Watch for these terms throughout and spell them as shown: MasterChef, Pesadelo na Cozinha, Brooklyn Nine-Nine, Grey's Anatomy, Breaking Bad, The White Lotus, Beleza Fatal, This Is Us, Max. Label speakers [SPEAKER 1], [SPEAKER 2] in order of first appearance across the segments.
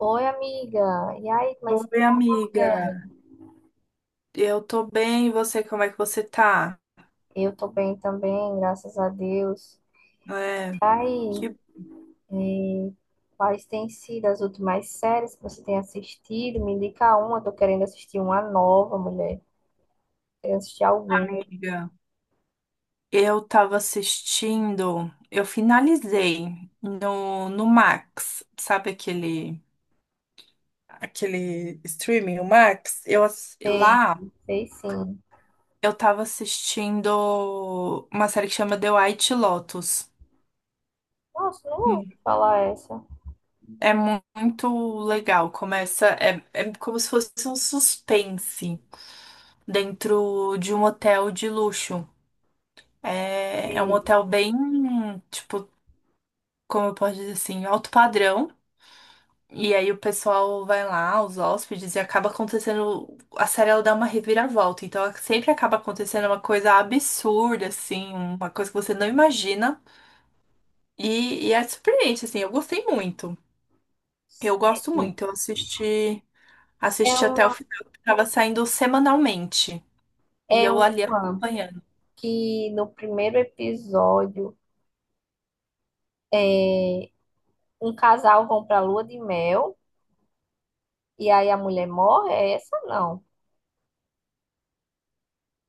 [SPEAKER 1] Oi, amiga. E aí, como é que
[SPEAKER 2] Oi,
[SPEAKER 1] você
[SPEAKER 2] amiga.
[SPEAKER 1] é?
[SPEAKER 2] Eu tô bem, e você, como é que você tá?
[SPEAKER 1] Eu tô bem também, graças a Deus.
[SPEAKER 2] É,
[SPEAKER 1] E
[SPEAKER 2] que
[SPEAKER 1] aí,
[SPEAKER 2] bom,
[SPEAKER 1] eh, quais têm sido as últimas séries que você tem assistido? Me indica uma, eu tô querendo assistir uma nova, mulher. Quero assistir alguma.
[SPEAKER 2] amiga. Eu tava assistindo, eu finalizei no Max, sabe aquele streaming, o Max?
[SPEAKER 1] Sei,
[SPEAKER 2] Lá
[SPEAKER 1] sei sim.
[SPEAKER 2] eu tava assistindo uma série que chama The White Lotus.
[SPEAKER 1] Nossa, não
[SPEAKER 2] Hum.
[SPEAKER 1] ouvi falar essa.
[SPEAKER 2] É muito legal. Começa, é como se fosse um suspense dentro de um hotel de luxo. É, é um
[SPEAKER 1] Sei,
[SPEAKER 2] hotel bem, tipo, como eu posso dizer assim, alto padrão. E aí o pessoal vai lá, os hóspedes, e acaba acontecendo. A série ela dá uma reviravolta. Então sempre acaba acontecendo uma coisa absurda, assim, uma coisa que você não imagina. E é surpreendente, assim, eu gostei muito. Eu gosto
[SPEAKER 1] sei.
[SPEAKER 2] muito. Eu assisti,
[SPEAKER 1] É
[SPEAKER 2] assisti até o
[SPEAKER 1] uma,
[SPEAKER 2] final, que tava saindo semanalmente. E
[SPEAKER 1] é
[SPEAKER 2] eu ali
[SPEAKER 1] uma
[SPEAKER 2] acompanhando.
[SPEAKER 1] que no primeiro episódio é, um casal vão pra lua de mel e aí a mulher morre? É essa não?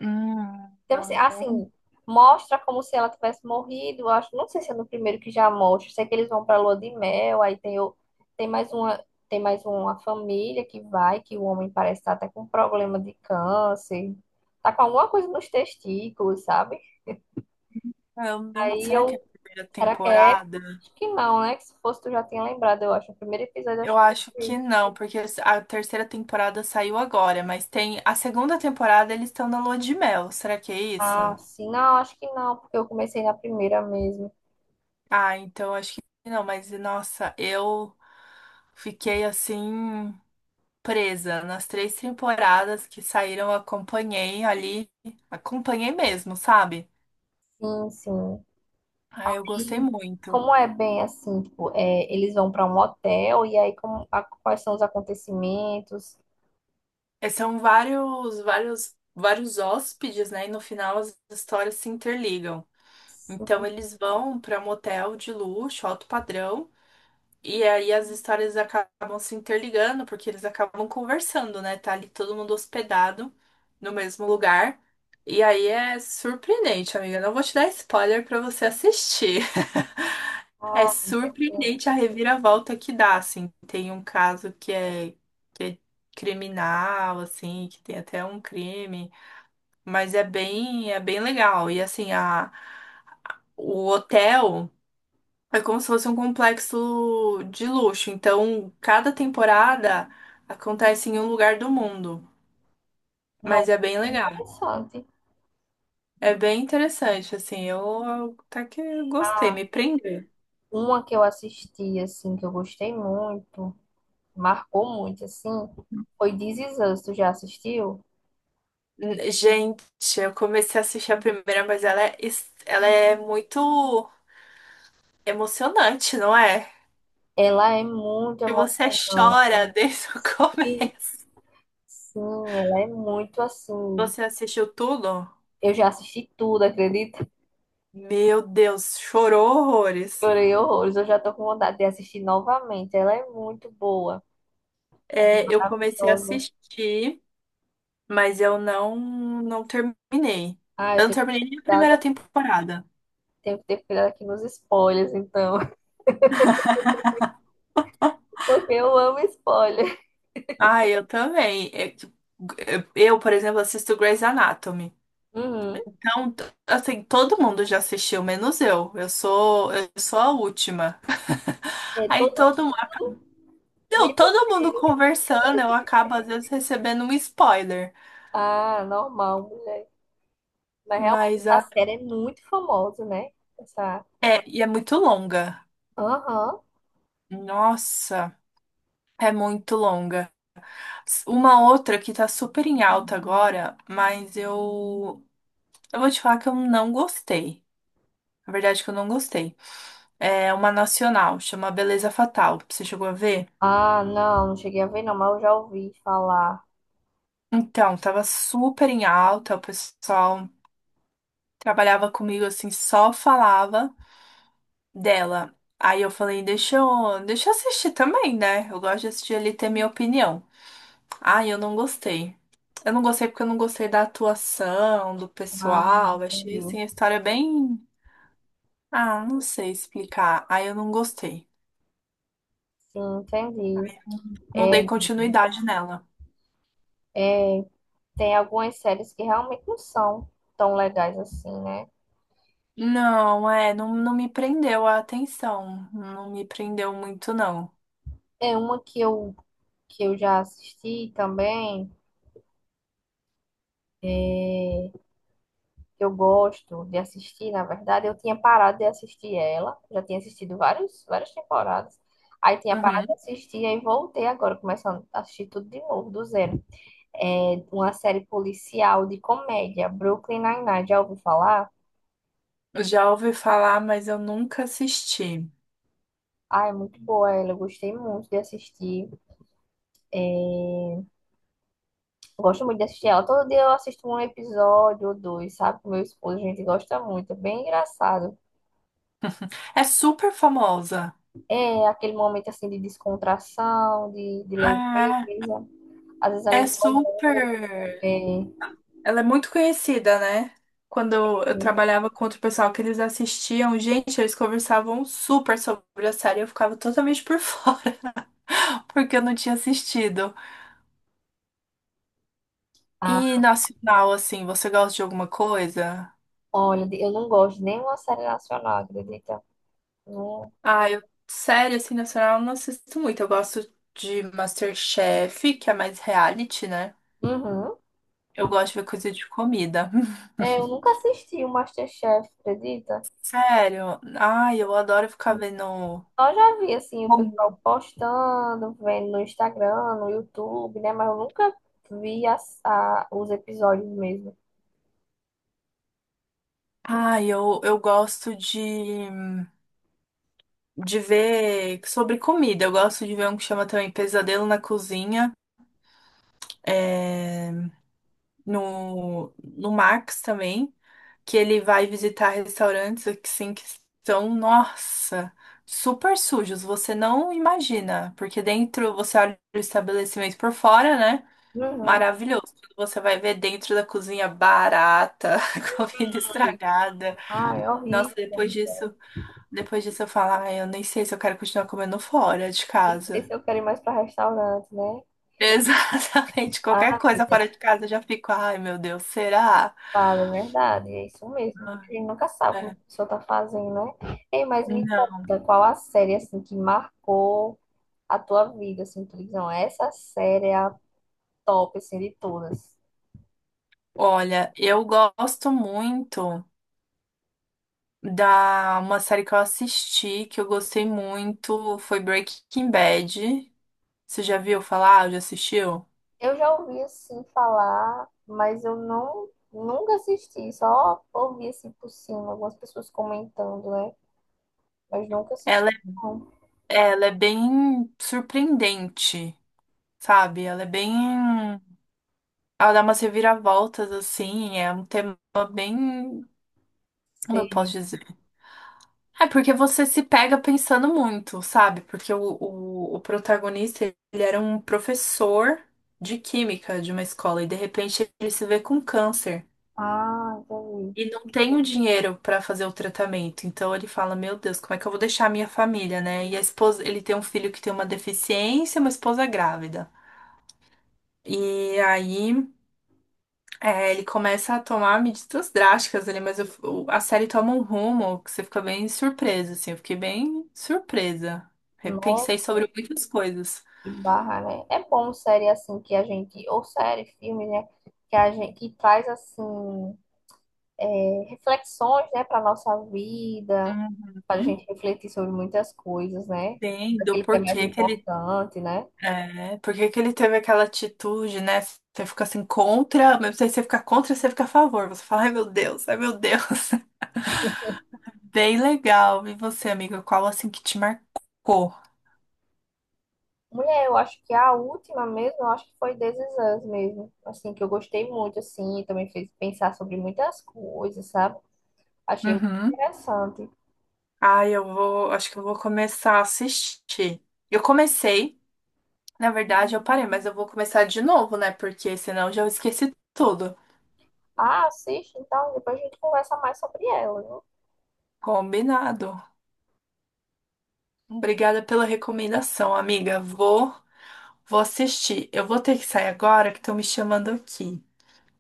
[SPEAKER 2] Hum,
[SPEAKER 1] Então, assim,
[SPEAKER 2] eu não,
[SPEAKER 1] assim, mostra como se ela tivesse morrido. Eu acho, não sei se é no primeiro que já mostra. Sei que eles vão pra lua de mel, aí tem, tem mais uma, tem mais uma família que vai, que o homem parece estar até com problema de câncer. Tá com alguma coisa nos testículos, sabe?
[SPEAKER 2] eu não.
[SPEAKER 1] Aí
[SPEAKER 2] Será que
[SPEAKER 1] eu,
[SPEAKER 2] é a primeira
[SPEAKER 1] será que é?
[SPEAKER 2] temporada?
[SPEAKER 1] Acho que não, né? Que se fosse tu já tinha lembrado, eu acho. O primeiro episódio, eu
[SPEAKER 2] Eu
[SPEAKER 1] acho que
[SPEAKER 2] acho
[SPEAKER 1] foi
[SPEAKER 2] que
[SPEAKER 1] isso.
[SPEAKER 2] não, porque a terceira temporada saiu agora, mas tem a segunda temporada, eles estão na lua de mel. Será que é isso?
[SPEAKER 1] Ah, sim, não, acho que não, porque eu comecei na primeira mesmo.
[SPEAKER 2] Ah, então acho que não, mas nossa, eu fiquei assim presa nas três temporadas que saíram, eu acompanhei ali, acompanhei mesmo, sabe?
[SPEAKER 1] Sim, sim.
[SPEAKER 2] Ah, eu gostei
[SPEAKER 1] E
[SPEAKER 2] muito.
[SPEAKER 1] como é bem assim, tipo, é, eles vão para um hotel e aí como, quais são os acontecimentos?
[SPEAKER 2] É, são vários hóspedes, né? E no final as histórias se interligam. Então
[SPEAKER 1] Sim,
[SPEAKER 2] eles vão para motel de luxo, alto padrão. E aí as histórias acabam se interligando, porque eles acabam conversando, né? Tá ali todo mundo hospedado no mesmo lugar. E aí é surpreendente, amiga. Não vou te dar spoiler pra você assistir. É
[SPEAKER 1] ah,
[SPEAKER 2] surpreendente a reviravolta que dá, assim. Tem um caso que é criminal, assim, que tem até um crime, mas é bem legal. E assim, a, o hotel. É como se fosse um complexo de luxo. Então, cada temporada acontece em um lugar do mundo.
[SPEAKER 1] não,
[SPEAKER 2] Mas é bem legal.
[SPEAKER 1] interessante.
[SPEAKER 2] É bem interessante, assim. Eu até que gostei,
[SPEAKER 1] Ah,
[SPEAKER 2] me prendeu.
[SPEAKER 1] uma que eu assisti assim que eu gostei muito, marcou muito assim, foi This Is Us, tu já assistiu?
[SPEAKER 2] N- Gente, eu comecei a assistir a primeira, mas ela ela é muito emocionante, não é?
[SPEAKER 1] Ela é muito
[SPEAKER 2] Que você
[SPEAKER 1] emocionante.
[SPEAKER 2] chora desde o
[SPEAKER 1] E,
[SPEAKER 2] começo.
[SPEAKER 1] Sim, ela é muito assim.
[SPEAKER 2] Você assistiu tudo?
[SPEAKER 1] Eu já assisti tudo, acredita?
[SPEAKER 2] Meu Deus, chorou horrores.
[SPEAKER 1] Chorei horrores, eu já tô com vontade de assistir novamente. Ela é muito boa.
[SPEAKER 2] É, eu comecei a
[SPEAKER 1] Maravilhoso.
[SPEAKER 2] assistir. Mas eu não terminei.
[SPEAKER 1] Ah,
[SPEAKER 2] Eu
[SPEAKER 1] eu
[SPEAKER 2] não
[SPEAKER 1] tenho que ter
[SPEAKER 2] terminei nem a
[SPEAKER 1] cuidado,
[SPEAKER 2] primeira temporada.
[SPEAKER 1] tenho que ter cuidado aqui nos spoilers, então. Porque eu amo spoiler.
[SPEAKER 2] Ah, eu também. É que- Eu, por exemplo, assisto Grey's Anatomy.
[SPEAKER 1] Uhum.
[SPEAKER 2] Então, t- assim, todo mundo já assistiu, menos eu. Eu sou a última.
[SPEAKER 1] É
[SPEAKER 2] Aí
[SPEAKER 1] todo
[SPEAKER 2] todo mundo,
[SPEAKER 1] mundo,
[SPEAKER 2] não,
[SPEAKER 1] menos
[SPEAKER 2] todo mundo
[SPEAKER 1] ele.
[SPEAKER 2] conversando, eu acabo às vezes recebendo um spoiler.
[SPEAKER 1] Ah, normal, mulher. Mas realmente
[SPEAKER 2] Mas a,
[SPEAKER 1] essa série é muito famosa, né? Essa.
[SPEAKER 2] é, e é muito longa.
[SPEAKER 1] Aham.
[SPEAKER 2] Nossa, é muito longa. Uma outra que tá super em alta agora, mas eu. Eu vou te falar que eu não gostei. Na verdade, que eu não gostei. É uma nacional, chama Beleza Fatal. Você chegou a ver?
[SPEAKER 1] Ah, não, não cheguei a ver, não, mas eu já ouvi falar.
[SPEAKER 2] Então, tava super em alta, o pessoal trabalhava comigo assim, só falava dela. Aí eu falei, deixa eu assistir também, né? Eu gosto de assistir ali e ter minha opinião. Ai, eu não gostei. Eu não gostei porque eu não gostei da atuação, do
[SPEAKER 1] Ah,
[SPEAKER 2] pessoal. Achei
[SPEAKER 1] entendi.
[SPEAKER 2] assim a história bem. Ah, não sei explicar. Aí eu não gostei.
[SPEAKER 1] Sim, entendi.
[SPEAKER 2] Não
[SPEAKER 1] É,
[SPEAKER 2] dei continuidade nela.
[SPEAKER 1] é, tem algumas séries que realmente não são tão legais assim, né?
[SPEAKER 2] Não me prendeu a atenção. Não me prendeu muito, não.
[SPEAKER 1] É uma que eu já assisti também, é, que eu gosto de assistir, na verdade, eu tinha parado de assistir ela, já tinha assistido vários, várias temporadas. Aí tinha parado de
[SPEAKER 2] Uhum.
[SPEAKER 1] assistir, aí voltei agora, começando a assistir tudo de novo, do zero. É uma série policial de comédia, Brooklyn Nine-Nine, já ouviu falar?
[SPEAKER 2] Já ouvi falar, mas eu nunca assisti.
[SPEAKER 1] Ah, é muito boa ela, eu gostei muito de assistir. Gosto muito de assistir ela. Todo dia eu assisto um episódio ou dois, sabe? Com meu esposo, a gente gosta muito, é bem engraçado.
[SPEAKER 2] É super famosa.
[SPEAKER 1] É aquele momento assim de descontração, de
[SPEAKER 2] Ah,
[SPEAKER 1] leveza. Às vezes ali
[SPEAKER 2] é
[SPEAKER 1] no
[SPEAKER 2] super.
[SPEAKER 1] almoço. É.
[SPEAKER 2] Ela é muito conhecida, né? Quando eu trabalhava com outro pessoal que eles assistiam, gente, eles conversavam super sobre a série, e eu ficava totalmente por fora, porque eu não tinha assistido.
[SPEAKER 1] Ah,
[SPEAKER 2] E nacional, assim, você gosta de alguma coisa?
[SPEAKER 1] olha, eu não gosto de nenhuma série nacional, acredita? Não.
[SPEAKER 2] Ah, eu, série assim, nacional, eu não assisto muito. Eu gosto de MasterChef, que é mais reality, né?
[SPEAKER 1] Uhum.
[SPEAKER 2] Eu
[SPEAKER 1] Eu,
[SPEAKER 2] gosto de ver coisa de comida.
[SPEAKER 1] eu nunca assisti o MasterChef, acredita?
[SPEAKER 2] Sério? Ai, eu adoro ficar vendo.
[SPEAKER 1] Só já vi assim o
[SPEAKER 2] Como?
[SPEAKER 1] pessoal postando, vendo no Instagram, no YouTube, né? Mas eu nunca vi as, os episódios mesmo.
[SPEAKER 2] Ai, eu gosto de ver sobre comida. Eu gosto de ver um que chama também Pesadelo na Cozinha, é, no Max também. Que ele vai visitar restaurantes assim que são, nossa, super sujos, você não imagina, porque dentro você olha o estabelecimento por fora, né?
[SPEAKER 1] Uhum.
[SPEAKER 2] Maravilhoso. Quando você vai ver dentro da cozinha barata, comida estragada.
[SPEAKER 1] Ah, é
[SPEAKER 2] Nossa,
[SPEAKER 1] horrível.
[SPEAKER 2] depois disso eu falo, ai, eu nem sei se eu quero continuar comendo fora de
[SPEAKER 1] Nem sei
[SPEAKER 2] casa.
[SPEAKER 1] se eu quero ir mais para restaurante, né?
[SPEAKER 2] Exatamente, qualquer
[SPEAKER 1] Ah,
[SPEAKER 2] coisa fora de casa eu já fico, ai meu Deus, será?
[SPEAKER 1] Vale, é verdade, é isso mesmo. A
[SPEAKER 2] Ah,
[SPEAKER 1] gente nunca sabe como a
[SPEAKER 2] é.
[SPEAKER 1] pessoa tá fazendo, né? Ei, mas me
[SPEAKER 2] Não.
[SPEAKER 1] conta, qual a série, assim, que marcou a tua vida, assim, tu diz, não, essa série é a top, assim, de todas.
[SPEAKER 2] Olha, eu gosto muito da uma série que eu assisti, que eu gostei muito, foi Breaking Bad. Você já viu falar? Já assistiu?
[SPEAKER 1] Eu já ouvi, assim, falar, mas eu não, nunca assisti, só ouvi, assim, por cima, algumas pessoas comentando, né? Mas nunca assisti,
[SPEAKER 2] Ela,
[SPEAKER 1] não.
[SPEAKER 2] ela é bem surpreendente, sabe? Ela é bem. Ela dá umas reviravoltas, assim, é um tema bem. Como eu posso
[SPEAKER 1] Sei.
[SPEAKER 2] dizer? É porque você se pega pensando muito, sabe? Porque o protagonista, ele era um professor de química de uma escola e de repente ele se vê com câncer
[SPEAKER 1] Ah, entendi.
[SPEAKER 2] e não tem o dinheiro para fazer o tratamento. Então ele fala: Meu Deus, como é que eu vou deixar a minha família, né? E a esposa, ele tem um filho que tem uma deficiência, e uma esposa grávida. E aí. É, ele começa a tomar medidas drásticas ali, a série toma um rumo que você fica bem surpresa, assim. Eu fiquei bem surpresa. Repensei
[SPEAKER 1] Nossa.
[SPEAKER 2] sobre muitas coisas.
[SPEAKER 1] Que barra, né? É bom série assim que a gente, ou série, filme, né? Que a gente que traz assim reflexões, né, para nossa vida, para a
[SPEAKER 2] Uhum.
[SPEAKER 1] gente refletir sobre muitas coisas, né?
[SPEAKER 2] Entendo
[SPEAKER 1] Daquele que é mais importante, né?
[SPEAKER 2] por que que ele teve aquela atitude, né? Você fica assim contra, mas você fica contra, você fica a favor. Você fala, ai meu Deus, ai meu Deus. Bem legal. E você, amiga, qual assim que te marcou?
[SPEAKER 1] Mulher, eu acho que a última mesmo, eu acho que foi This Is Us mesmo, assim que eu gostei muito, assim, também fez pensar sobre muitas coisas, sabe? Achei muito
[SPEAKER 2] Uhum.
[SPEAKER 1] interessante.
[SPEAKER 2] Ai, eu vou, acho que eu vou começar a assistir. Eu comecei. Na verdade, eu parei, mas eu vou começar de novo, né? Porque senão eu já esqueci tudo.
[SPEAKER 1] Ah, assiste então, depois a gente conversa mais sobre ela, viu?
[SPEAKER 2] Combinado. Obrigada pela recomendação, amiga. Vou, vou assistir. Eu vou ter que sair agora, que estão me chamando aqui,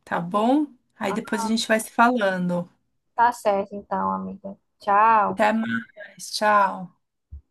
[SPEAKER 2] tá bom? Aí
[SPEAKER 1] Ah,
[SPEAKER 2] depois a gente vai se falando.
[SPEAKER 1] Tá certo então, amiga. Tchau.
[SPEAKER 2] Até mais. Tchau.